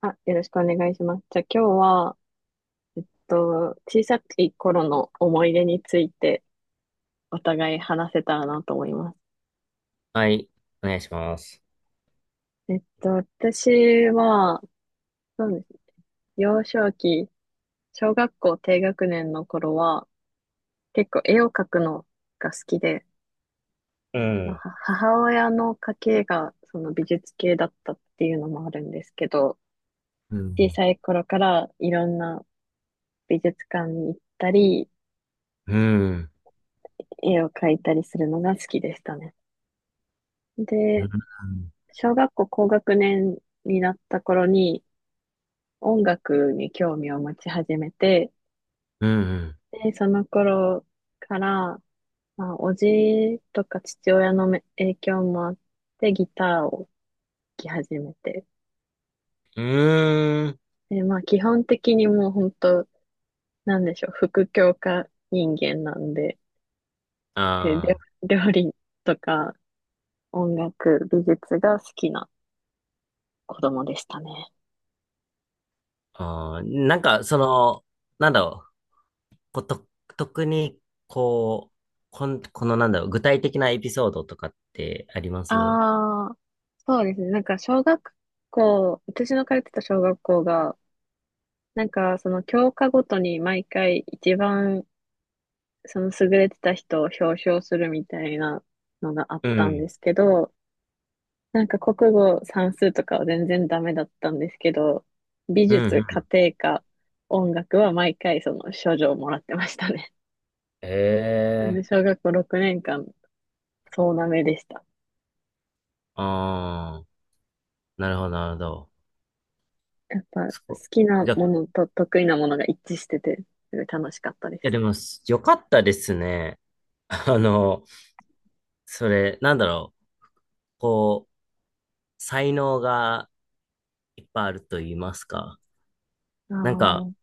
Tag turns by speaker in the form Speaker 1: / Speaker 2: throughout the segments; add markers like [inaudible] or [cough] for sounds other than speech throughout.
Speaker 1: あ、よろしくお願いします。じゃあ今日は、小さい頃の思い出についてお互い話せたらなと思います。
Speaker 2: はい、お願いします。
Speaker 1: 私は、そうですね。幼少期、小学校低学年の頃は、結構絵を描くのが好きで、
Speaker 2: う
Speaker 1: ま
Speaker 2: ん。
Speaker 1: あは母親の家系がその美術系だったっていうのもあるんですけど、
Speaker 2: う
Speaker 1: 小
Speaker 2: ん。
Speaker 1: さい頃からいろんな美術館に行ったり、
Speaker 2: うん。
Speaker 1: 絵を描いたりするのが好きでしたね。
Speaker 2: う
Speaker 1: で、
Speaker 2: ん。
Speaker 1: 小学校高学年になった頃に音楽に興味を持ち始めて、
Speaker 2: うん。
Speaker 1: で、その頃から、まあ、おじとか父親のめ影響もあってギターを弾き始めて、
Speaker 2: うん。
Speaker 1: で、まあ基本的にもう本当、なんでしょう、副教科人間なんで、で、
Speaker 2: あ
Speaker 1: 料理とか音楽、美術が好きな子供でしたね。
Speaker 2: あああ、なんか、その、なんだろう。こと、特に、こう、このなんだろう、具体的なエピソードとかってあります？
Speaker 1: ああ、そうですね。なんか小学校、私の通ってた小学校が、なんかその教科ごとに毎回一番その優れてた人を表彰するみたいなのがあっ
Speaker 2: う
Speaker 1: たん
Speaker 2: ん。
Speaker 1: ですけど、なんか国語算数とかは全然ダメだったんですけど、美
Speaker 2: うん。う
Speaker 1: 術、
Speaker 2: ん。
Speaker 1: 家庭科、音楽は毎回その賞状をもらってましたね。なん
Speaker 2: え
Speaker 1: で
Speaker 2: え。
Speaker 1: 小学校6年間、そうなめでした。
Speaker 2: ああ。なるほど、なるほど。
Speaker 1: やっぱ好
Speaker 2: そこ。
Speaker 1: きな
Speaker 2: じゃ、い
Speaker 1: ものと得意なものが一致してて、すごい楽しかったで
Speaker 2: や、
Speaker 1: す。
Speaker 2: でも、よかったですね。あの、それ、なんだろう、こう、才能が、いっぱいあると言いますか。
Speaker 1: あ
Speaker 2: なん
Speaker 1: あ、
Speaker 2: か、
Speaker 1: はい、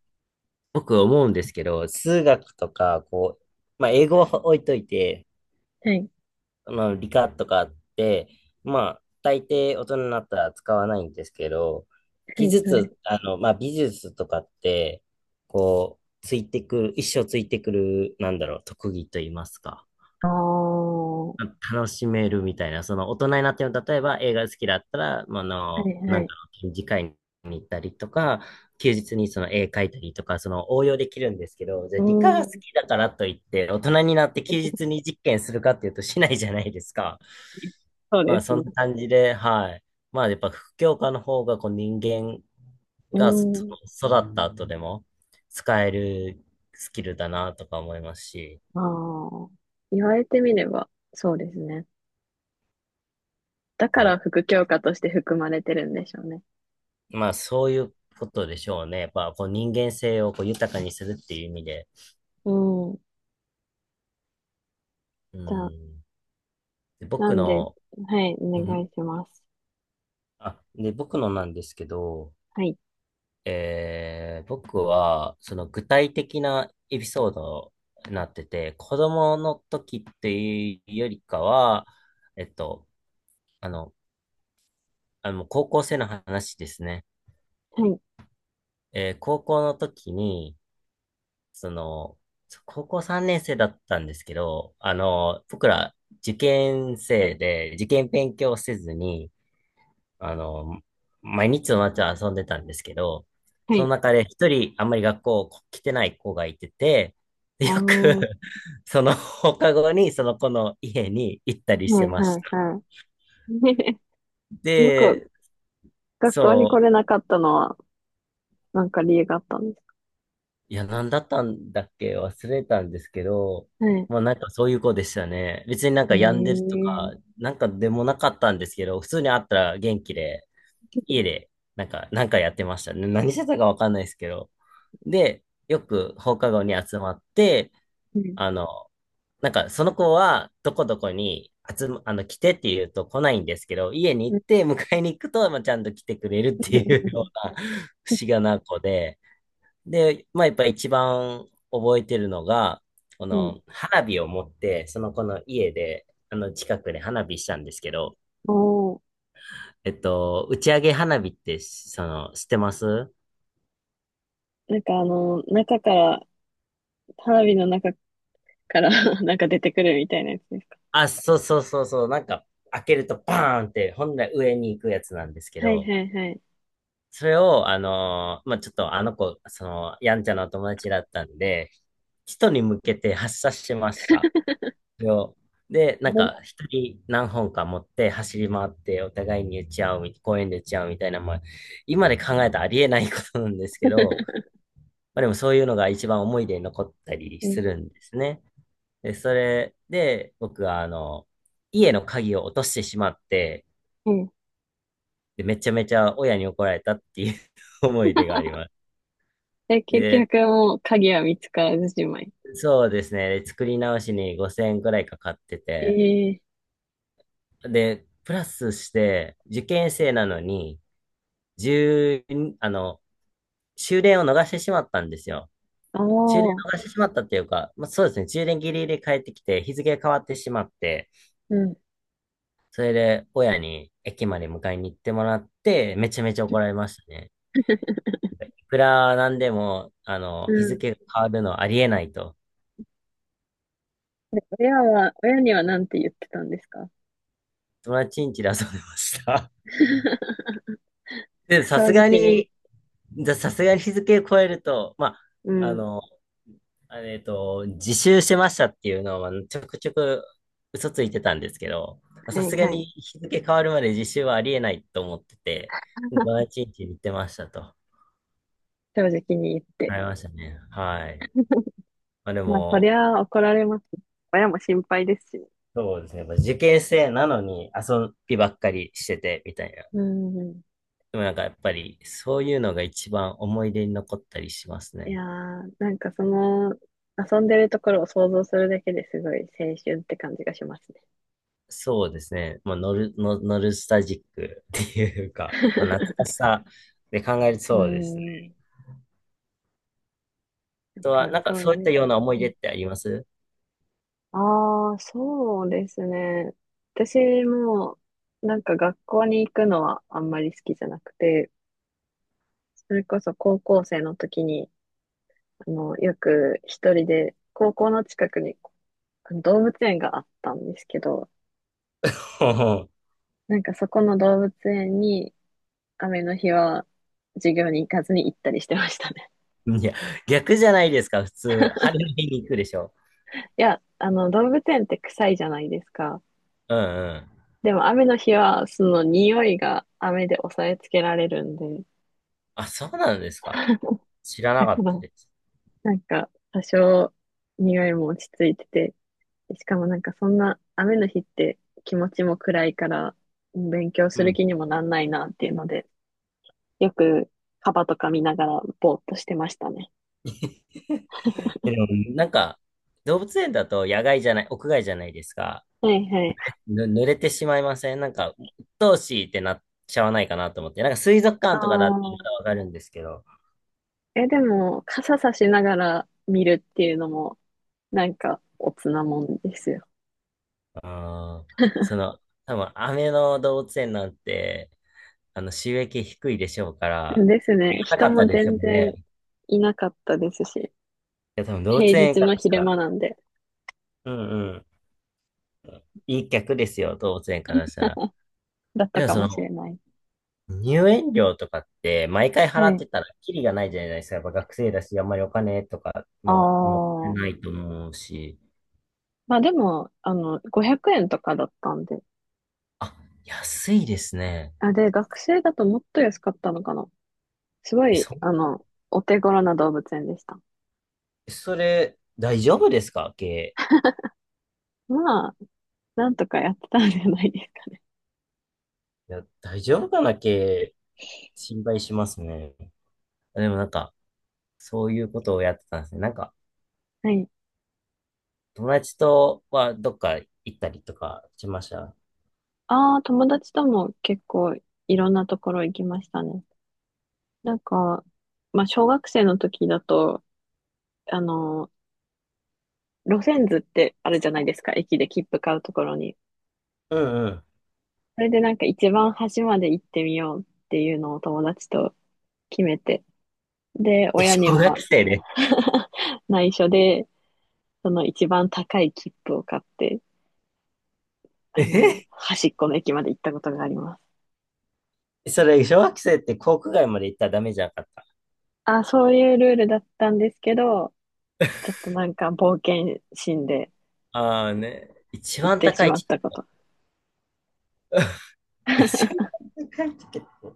Speaker 2: 僕思うんですけど、数学とか、こう、まあ、英語は置いといて、
Speaker 1: は
Speaker 2: まあ、理科とかって、まあ、大抵大人になったら使わないんですけど、技
Speaker 1: い、はい。
Speaker 2: 術、あの、まあ、美術とかって、こう、ついてくる、一生ついてくる、なんだろう、特技と言いますか。
Speaker 1: ああ、は
Speaker 2: 楽しめるみたいな、その大人になっても、例えば映画好きだったら、まああ
Speaker 1: い、
Speaker 2: の、な
Speaker 1: はい。
Speaker 2: んか
Speaker 1: い。
Speaker 2: の展示会に行ったりとか、休日にその絵描いたりとか、その応用できるんですけど、じゃあ
Speaker 1: う
Speaker 2: 理科が好
Speaker 1: ん。
Speaker 2: きだからといって、大人になって休日に実験するかっていうとしないじゃないですか。
Speaker 1: そう
Speaker 2: ま
Speaker 1: で
Speaker 2: あ
Speaker 1: す
Speaker 2: そ
Speaker 1: ね。
Speaker 2: んな感じで、はい。まあやっぱ副教科の方がこう人間
Speaker 1: う
Speaker 2: が
Speaker 1: ん。
Speaker 2: その育った後でも使えるスキルだなとか思いますし、
Speaker 1: ああ、言われてみれば、そうですね。だから
Speaker 2: ね。
Speaker 1: 副教科として含まれてるんでしょうね。
Speaker 2: まあ、そういうことでしょうね。やっぱ、こう、人間性をこう豊かにするっていう意味で。
Speaker 1: うん。
Speaker 2: う
Speaker 1: じゃあ、
Speaker 2: ん。で
Speaker 1: な
Speaker 2: 僕
Speaker 1: んで、
Speaker 2: の、
Speaker 1: はい、
Speaker 2: う
Speaker 1: お願
Speaker 2: ん。
Speaker 1: いします。
Speaker 2: あ、で、僕のなんですけど、
Speaker 1: はい、
Speaker 2: 僕は、その具体的なエピソードになってて、子供の時っていうよりかは、えっと、あの、あの、高校生の話ですね。
Speaker 1: はい、
Speaker 2: 高校の時に、その、高校3年生だったんですけど、あの、僕ら受験生で、受験勉強せずに、あの、毎日の夏は遊んでたんですけど、
Speaker 1: は
Speaker 2: その
Speaker 1: い。
Speaker 2: 中で一人あんまり学校来てない子がいてて、
Speaker 1: あ
Speaker 2: で
Speaker 1: あ、
Speaker 2: よく
Speaker 1: は
Speaker 2: [laughs] その放課後にその子の家に行ったり
Speaker 1: い、
Speaker 2: し
Speaker 1: は
Speaker 2: てまし
Speaker 1: い、
Speaker 2: た。
Speaker 1: はい。[laughs] 僕、
Speaker 2: で、
Speaker 1: 学校に
Speaker 2: そ
Speaker 1: 来
Speaker 2: う、
Speaker 1: れなかったのは、なんか理由があったんですか？
Speaker 2: いや、なんだったんだっけ忘れたんですけど、
Speaker 1: はい。
Speaker 2: まあなんかそういう子でしたね。別になん
Speaker 1: え
Speaker 2: か病んでると
Speaker 1: ー。
Speaker 2: か、なんかでもなかったんですけど、普通に会ったら元気で、家で、なんかやってましたね。何してたかわかんないですけど。で、よく放課後に集まって、
Speaker 1: うん。
Speaker 2: あの、なんかその子はどこどこにあの、来てって言うと来ないんですけど、家に行って迎えに行くと、まあ、ちゃんと来てくれるっていうような [laughs] 不思議な子で、で、まあ、やっぱ一番覚えてるのが、こ
Speaker 1: うん。
Speaker 2: の花火を持って、その子の家で、あの近くで花火したんですけど、
Speaker 1: おー。
Speaker 2: えっと、打ち上げ花火って、その、知ってます？
Speaker 1: なんかあの、中から、花火の中から [laughs] なんか出てくるみたいなやつですか？
Speaker 2: あ、そうそうそうそう、なんか、開けるとバーンって、本来上に行くやつなんですけ
Speaker 1: はい
Speaker 2: ど、
Speaker 1: はいはい。
Speaker 2: それを、あのーまあ、ちょっとあの子、その、やんちゃなお友達だったんで、人に向けて発射しました。よ。で、
Speaker 1: 危
Speaker 2: なんか、
Speaker 1: な
Speaker 2: 一人何本か持って走り回って、お互いに打ち合うみ、公園で打ち合うみたいな、まあ、今で考えたらありえないことなんですけど、まあでもそういうのが一番思い出に残ったり
Speaker 1: うん。
Speaker 2: するんですね。で、それで、僕は、あの、家の鍵を落としてしまって、
Speaker 1: うん。
Speaker 2: で、めちゃめちゃ親に怒られたっていう [laughs] 思い出があります。
Speaker 1: え、結
Speaker 2: で、
Speaker 1: 局もう鍵は見つからずじまい？
Speaker 2: そうですね。で作り直しに5000円くらいかかってて、
Speaker 1: ええ。
Speaker 2: で、プラスして、受験生なのに、十、あの、終電を逃してしまったんですよ。
Speaker 1: ああ
Speaker 2: 終電
Speaker 1: ー、
Speaker 2: 逃してしまったっていうか、まあ、そうですね、終電ギリギリ帰ってきて、日付が変わってしまって、
Speaker 1: うん、
Speaker 2: それで親に駅まで迎えに行ってもらって、めちゃめちゃ怒られましたね。いくらなんでも、あ
Speaker 1: う
Speaker 2: の、日
Speaker 1: ん。
Speaker 2: 付が変わるのはありえないと、
Speaker 1: で、親にはなんて言ってたんですか？
Speaker 2: 友達ん家で遊んでました。
Speaker 1: [laughs]
Speaker 2: [laughs] で、さ
Speaker 1: 正
Speaker 2: すが
Speaker 1: 直に。
Speaker 2: に、さすがに日付を超えると、ま
Speaker 1: う
Speaker 2: あ、あ
Speaker 1: ん、
Speaker 2: の、自習してましたっていうのは、ちょくちょく嘘ついてたんですけど、
Speaker 1: は
Speaker 2: さ
Speaker 1: い
Speaker 2: すが
Speaker 1: は
Speaker 2: に
Speaker 1: い。
Speaker 2: 日付変わるまで自習はありえないと思ってて、土日に行ってましたと。
Speaker 1: 正直に言って。
Speaker 2: ありましたね。はい。まあで
Speaker 1: まあ、そり
Speaker 2: も、
Speaker 1: ゃ怒られます。親も心配ですしね。
Speaker 2: そうですね。やっぱ受験生なのに遊びばっかりしてて、みたいな。
Speaker 1: うん。
Speaker 2: でもなんかやっぱり、そういうのが一番思い出に残ったりします
Speaker 1: い
Speaker 2: ね。
Speaker 1: やー、なんかその、遊んでるところを想像するだけですごい青春って感じがしますね。
Speaker 2: そうですね。まあ、ノルスタジックっていうか、まあ、懐かしさで考える、
Speaker 1: う
Speaker 2: そうです。
Speaker 1: ん。やっ
Speaker 2: とは、
Speaker 1: ぱ
Speaker 2: なんか
Speaker 1: そう
Speaker 2: そういっ
Speaker 1: い
Speaker 2: た
Speaker 1: う。
Speaker 2: ような思い出ってあります？
Speaker 1: ああー、そうですね。私も、なんか学校に行くのはあんまり好きじゃなくて、それこそ高校生の時に、あの、よく一人で、高校の近くにあの動物園があったんですけど、
Speaker 2: ほう。
Speaker 1: なんかそこの動物園に雨の日は授業に行かずに行ったりしてましたね。
Speaker 2: ほう。 [laughs] いや、逆じゃないですか、普通。晴れの日に行くでしょ。
Speaker 1: [laughs] いや、あの動物園って臭いじゃないですか。
Speaker 2: うんうん。
Speaker 1: でも雨の日はその匂いが雨で抑えつけられるんで、
Speaker 2: あ、そうなんですか。知らなか
Speaker 1: [laughs] だか
Speaker 2: った
Speaker 1: ら
Speaker 2: です。
Speaker 1: なんか多少匂いも落ち着いてて、しかもなんかそんな雨の日って気持ちも暗いから勉強
Speaker 2: う
Speaker 1: する
Speaker 2: ん。
Speaker 1: 気にもなんないなっていうので、よくカバとか見ながらぼーっとしてましたね。
Speaker 2: [laughs] え、でも、なんか、動物園だと野外じゃない、屋外じゃないですか。
Speaker 1: はいはい。
Speaker 2: 濡れてしまいません？なんか、鬱陶しいってなっちゃわないかなと思って。なんか水族
Speaker 1: あ
Speaker 2: 館とかだってま
Speaker 1: あ。
Speaker 2: だわかるんですけど。
Speaker 1: え、でも、傘さしながら見るっていうのも、なんか、おつなもんですよ。
Speaker 2: あー、そ
Speaker 1: [laughs]
Speaker 2: の、多分、雨の動物園なんて、あの、収益低いでしょうから、あ
Speaker 1: です
Speaker 2: り
Speaker 1: ね。
Speaker 2: がたか
Speaker 1: 人
Speaker 2: った
Speaker 1: も
Speaker 2: でしょ
Speaker 1: 全
Speaker 2: う
Speaker 1: 然
Speaker 2: ね。
Speaker 1: いなかったですし、
Speaker 2: いや、多分動物
Speaker 1: 平
Speaker 2: 園
Speaker 1: 日
Speaker 2: から
Speaker 1: の
Speaker 2: した
Speaker 1: 昼間
Speaker 2: ら、
Speaker 1: なんで、
Speaker 2: うんうん、いい客ですよ、動物園からしたら。
Speaker 1: だった
Speaker 2: でも
Speaker 1: か
Speaker 2: そ
Speaker 1: もしれ
Speaker 2: の、
Speaker 1: ない。
Speaker 2: 入園料とかって、毎回払
Speaker 1: は
Speaker 2: っ
Speaker 1: い。
Speaker 2: てたら、キリがないじゃないですか。やっぱ学生だし、あんまりお金とか
Speaker 1: あ
Speaker 2: も持ってな
Speaker 1: あ。
Speaker 2: いと思うし。
Speaker 1: まあでも、あの、500円とかだったんで。
Speaker 2: あ、安いですね。
Speaker 1: あ、で、学生だともっと安かったのかな。すご
Speaker 2: え、
Speaker 1: い、
Speaker 2: そ、
Speaker 1: あの、お手頃な動物園でした。
Speaker 2: それ、大丈夫ですか経営？
Speaker 1: まあ、なんとかやってたんじゃないですかね。
Speaker 2: いや、大丈夫かな経営。心配しますね。でもなんか、そういうことをやってたんですね。なんか、
Speaker 1: はい。
Speaker 2: 友達とはどっか行ったりとかしました？
Speaker 1: ああ、友達とも結構いろんなところ行きましたね。なんか、まあ、小学生の時だと、あの、路線図ってあるじゃないですか、駅で切符買うところに。
Speaker 2: うんうん。
Speaker 1: それでなんか一番端まで行ってみようっていうのを友達と決めて。で、
Speaker 2: え、
Speaker 1: 親に
Speaker 2: 小学
Speaker 1: は
Speaker 2: 生で。
Speaker 1: [laughs] 内緒で、その一番高い切符を買って、あの、
Speaker 2: え
Speaker 1: 端っこの駅まで行ったことがあります。
Speaker 2: え、それ、小学生って航空街まで行ったらダメじゃなかった？
Speaker 1: あ、そういうルールだったんですけど、ちょっとなんか冒険心で、
Speaker 2: ああね。一
Speaker 1: 行っ
Speaker 2: 番
Speaker 1: てし
Speaker 2: 高い
Speaker 1: まっ
Speaker 2: チ
Speaker 1: た
Speaker 2: ケ
Speaker 1: こ
Speaker 2: ット。
Speaker 1: と。
Speaker 2: [laughs] 一番高いチケット。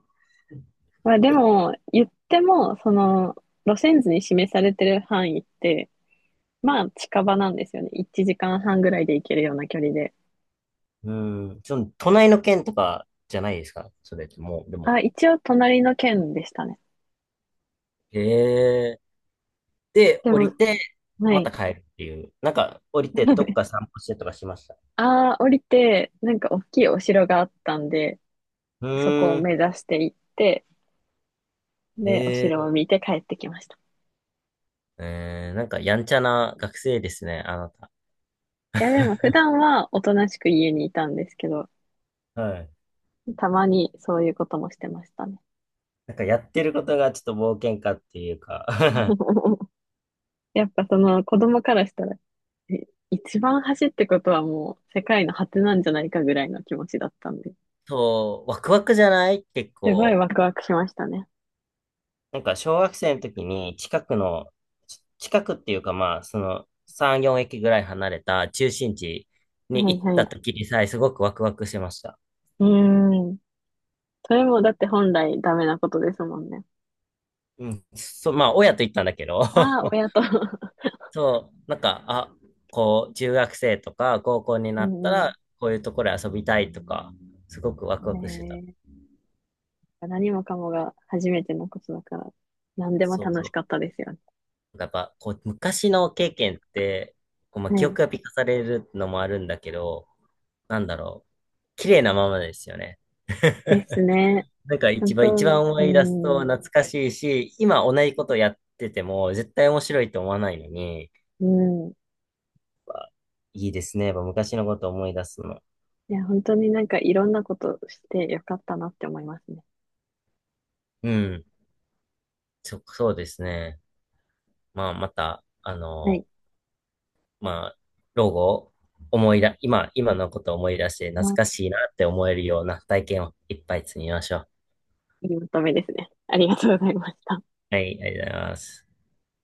Speaker 1: まあでも、言っても、その、路線図に示されてる範囲って、まあ近場なんですよね。1時間半ぐらいで行けるような距離で。
Speaker 2: うん。その、隣の県とかじゃないですか。それってもう、でも。
Speaker 1: あ、一応隣の県でしたね。
Speaker 2: へえ。で、
Speaker 1: で
Speaker 2: 降
Speaker 1: も、
Speaker 2: りて、
Speaker 1: は
Speaker 2: ま
Speaker 1: い。
Speaker 2: た帰るっていう。なんか、降りてどっか
Speaker 1: [laughs]
Speaker 2: 散歩してとかしました？
Speaker 1: ああ、降りて、なんか大きいお城があったんで、
Speaker 2: う
Speaker 1: そこを
Speaker 2: ーん。
Speaker 1: 目指して行って、で、お
Speaker 2: へ
Speaker 1: 城
Speaker 2: え。
Speaker 1: を見て帰ってきました。
Speaker 2: えー、なんか、やんちゃな学生ですね、あなた。
Speaker 1: いや、でも普
Speaker 2: [laughs]
Speaker 1: 段はおとなしく家にいたんですけど、
Speaker 2: はい。
Speaker 1: たまにそういうこともしてましたね。
Speaker 2: なんかやってることがちょっと冒険家っていうか [laughs]
Speaker 1: [laughs] やっぱその子供からしたら一番走ってことはもう世界の果てなんじゃないかぐらいの気持ちだったんで、
Speaker 2: そう、ワクワクじゃない結
Speaker 1: すごい
Speaker 2: 構？
Speaker 1: ワクワクしましたね。
Speaker 2: なんか小学生の時に近くの、近くっていうかまあ、その3、4駅ぐらい離れた中心地に
Speaker 1: はい
Speaker 2: 行っ
Speaker 1: は
Speaker 2: た
Speaker 1: い。
Speaker 2: 時にさえすごくワクワクしました。
Speaker 1: うーん。それもだって本来ダメなことですもんね。
Speaker 2: うん。そう、まあ、親と行ったんだけど
Speaker 1: ああ、親と。[laughs]
Speaker 2: [laughs] そう、なんか、あ、こう、中学生とか高校に
Speaker 1: う
Speaker 2: なった
Speaker 1: んう
Speaker 2: ら、こういうところで遊びたいとか、すごくワクワクしてた。
Speaker 1: ん。え何もかもが初めてのことだから、何でも
Speaker 2: そう
Speaker 1: 楽
Speaker 2: そ
Speaker 1: し
Speaker 2: う。
Speaker 1: かったですよね。
Speaker 2: やっぱ、こう、昔の経験って、こう、まあ、
Speaker 1: は
Speaker 2: 記憶
Speaker 1: い。
Speaker 2: が美化されるのもあるんだけど、なんだろう、綺麗なままですよね。
Speaker 1: ですね。
Speaker 2: なんか
Speaker 1: 本当、
Speaker 2: 一
Speaker 1: う
Speaker 2: 番思い出すと
Speaker 1: ーん、
Speaker 2: 懐かしいし、今同じことやってても絶対面白いと思わないのに、やっ
Speaker 1: うん。
Speaker 2: ぱいいですね。やっぱ昔のこと思い出すの。
Speaker 1: いや、本当になんかいろんなことしてよかったなって思いますね。
Speaker 2: うん。そうですね。まあ、また、あ
Speaker 1: は
Speaker 2: の、
Speaker 1: い。
Speaker 2: まあ、老後、思い出、今のことを思い出して
Speaker 1: う
Speaker 2: 懐
Speaker 1: ん。
Speaker 2: かしいなって思えるような体験をいっぱい積みましょう。
Speaker 1: いいまとめですね。ありがとうございました。
Speaker 2: はい、ありがとうございます。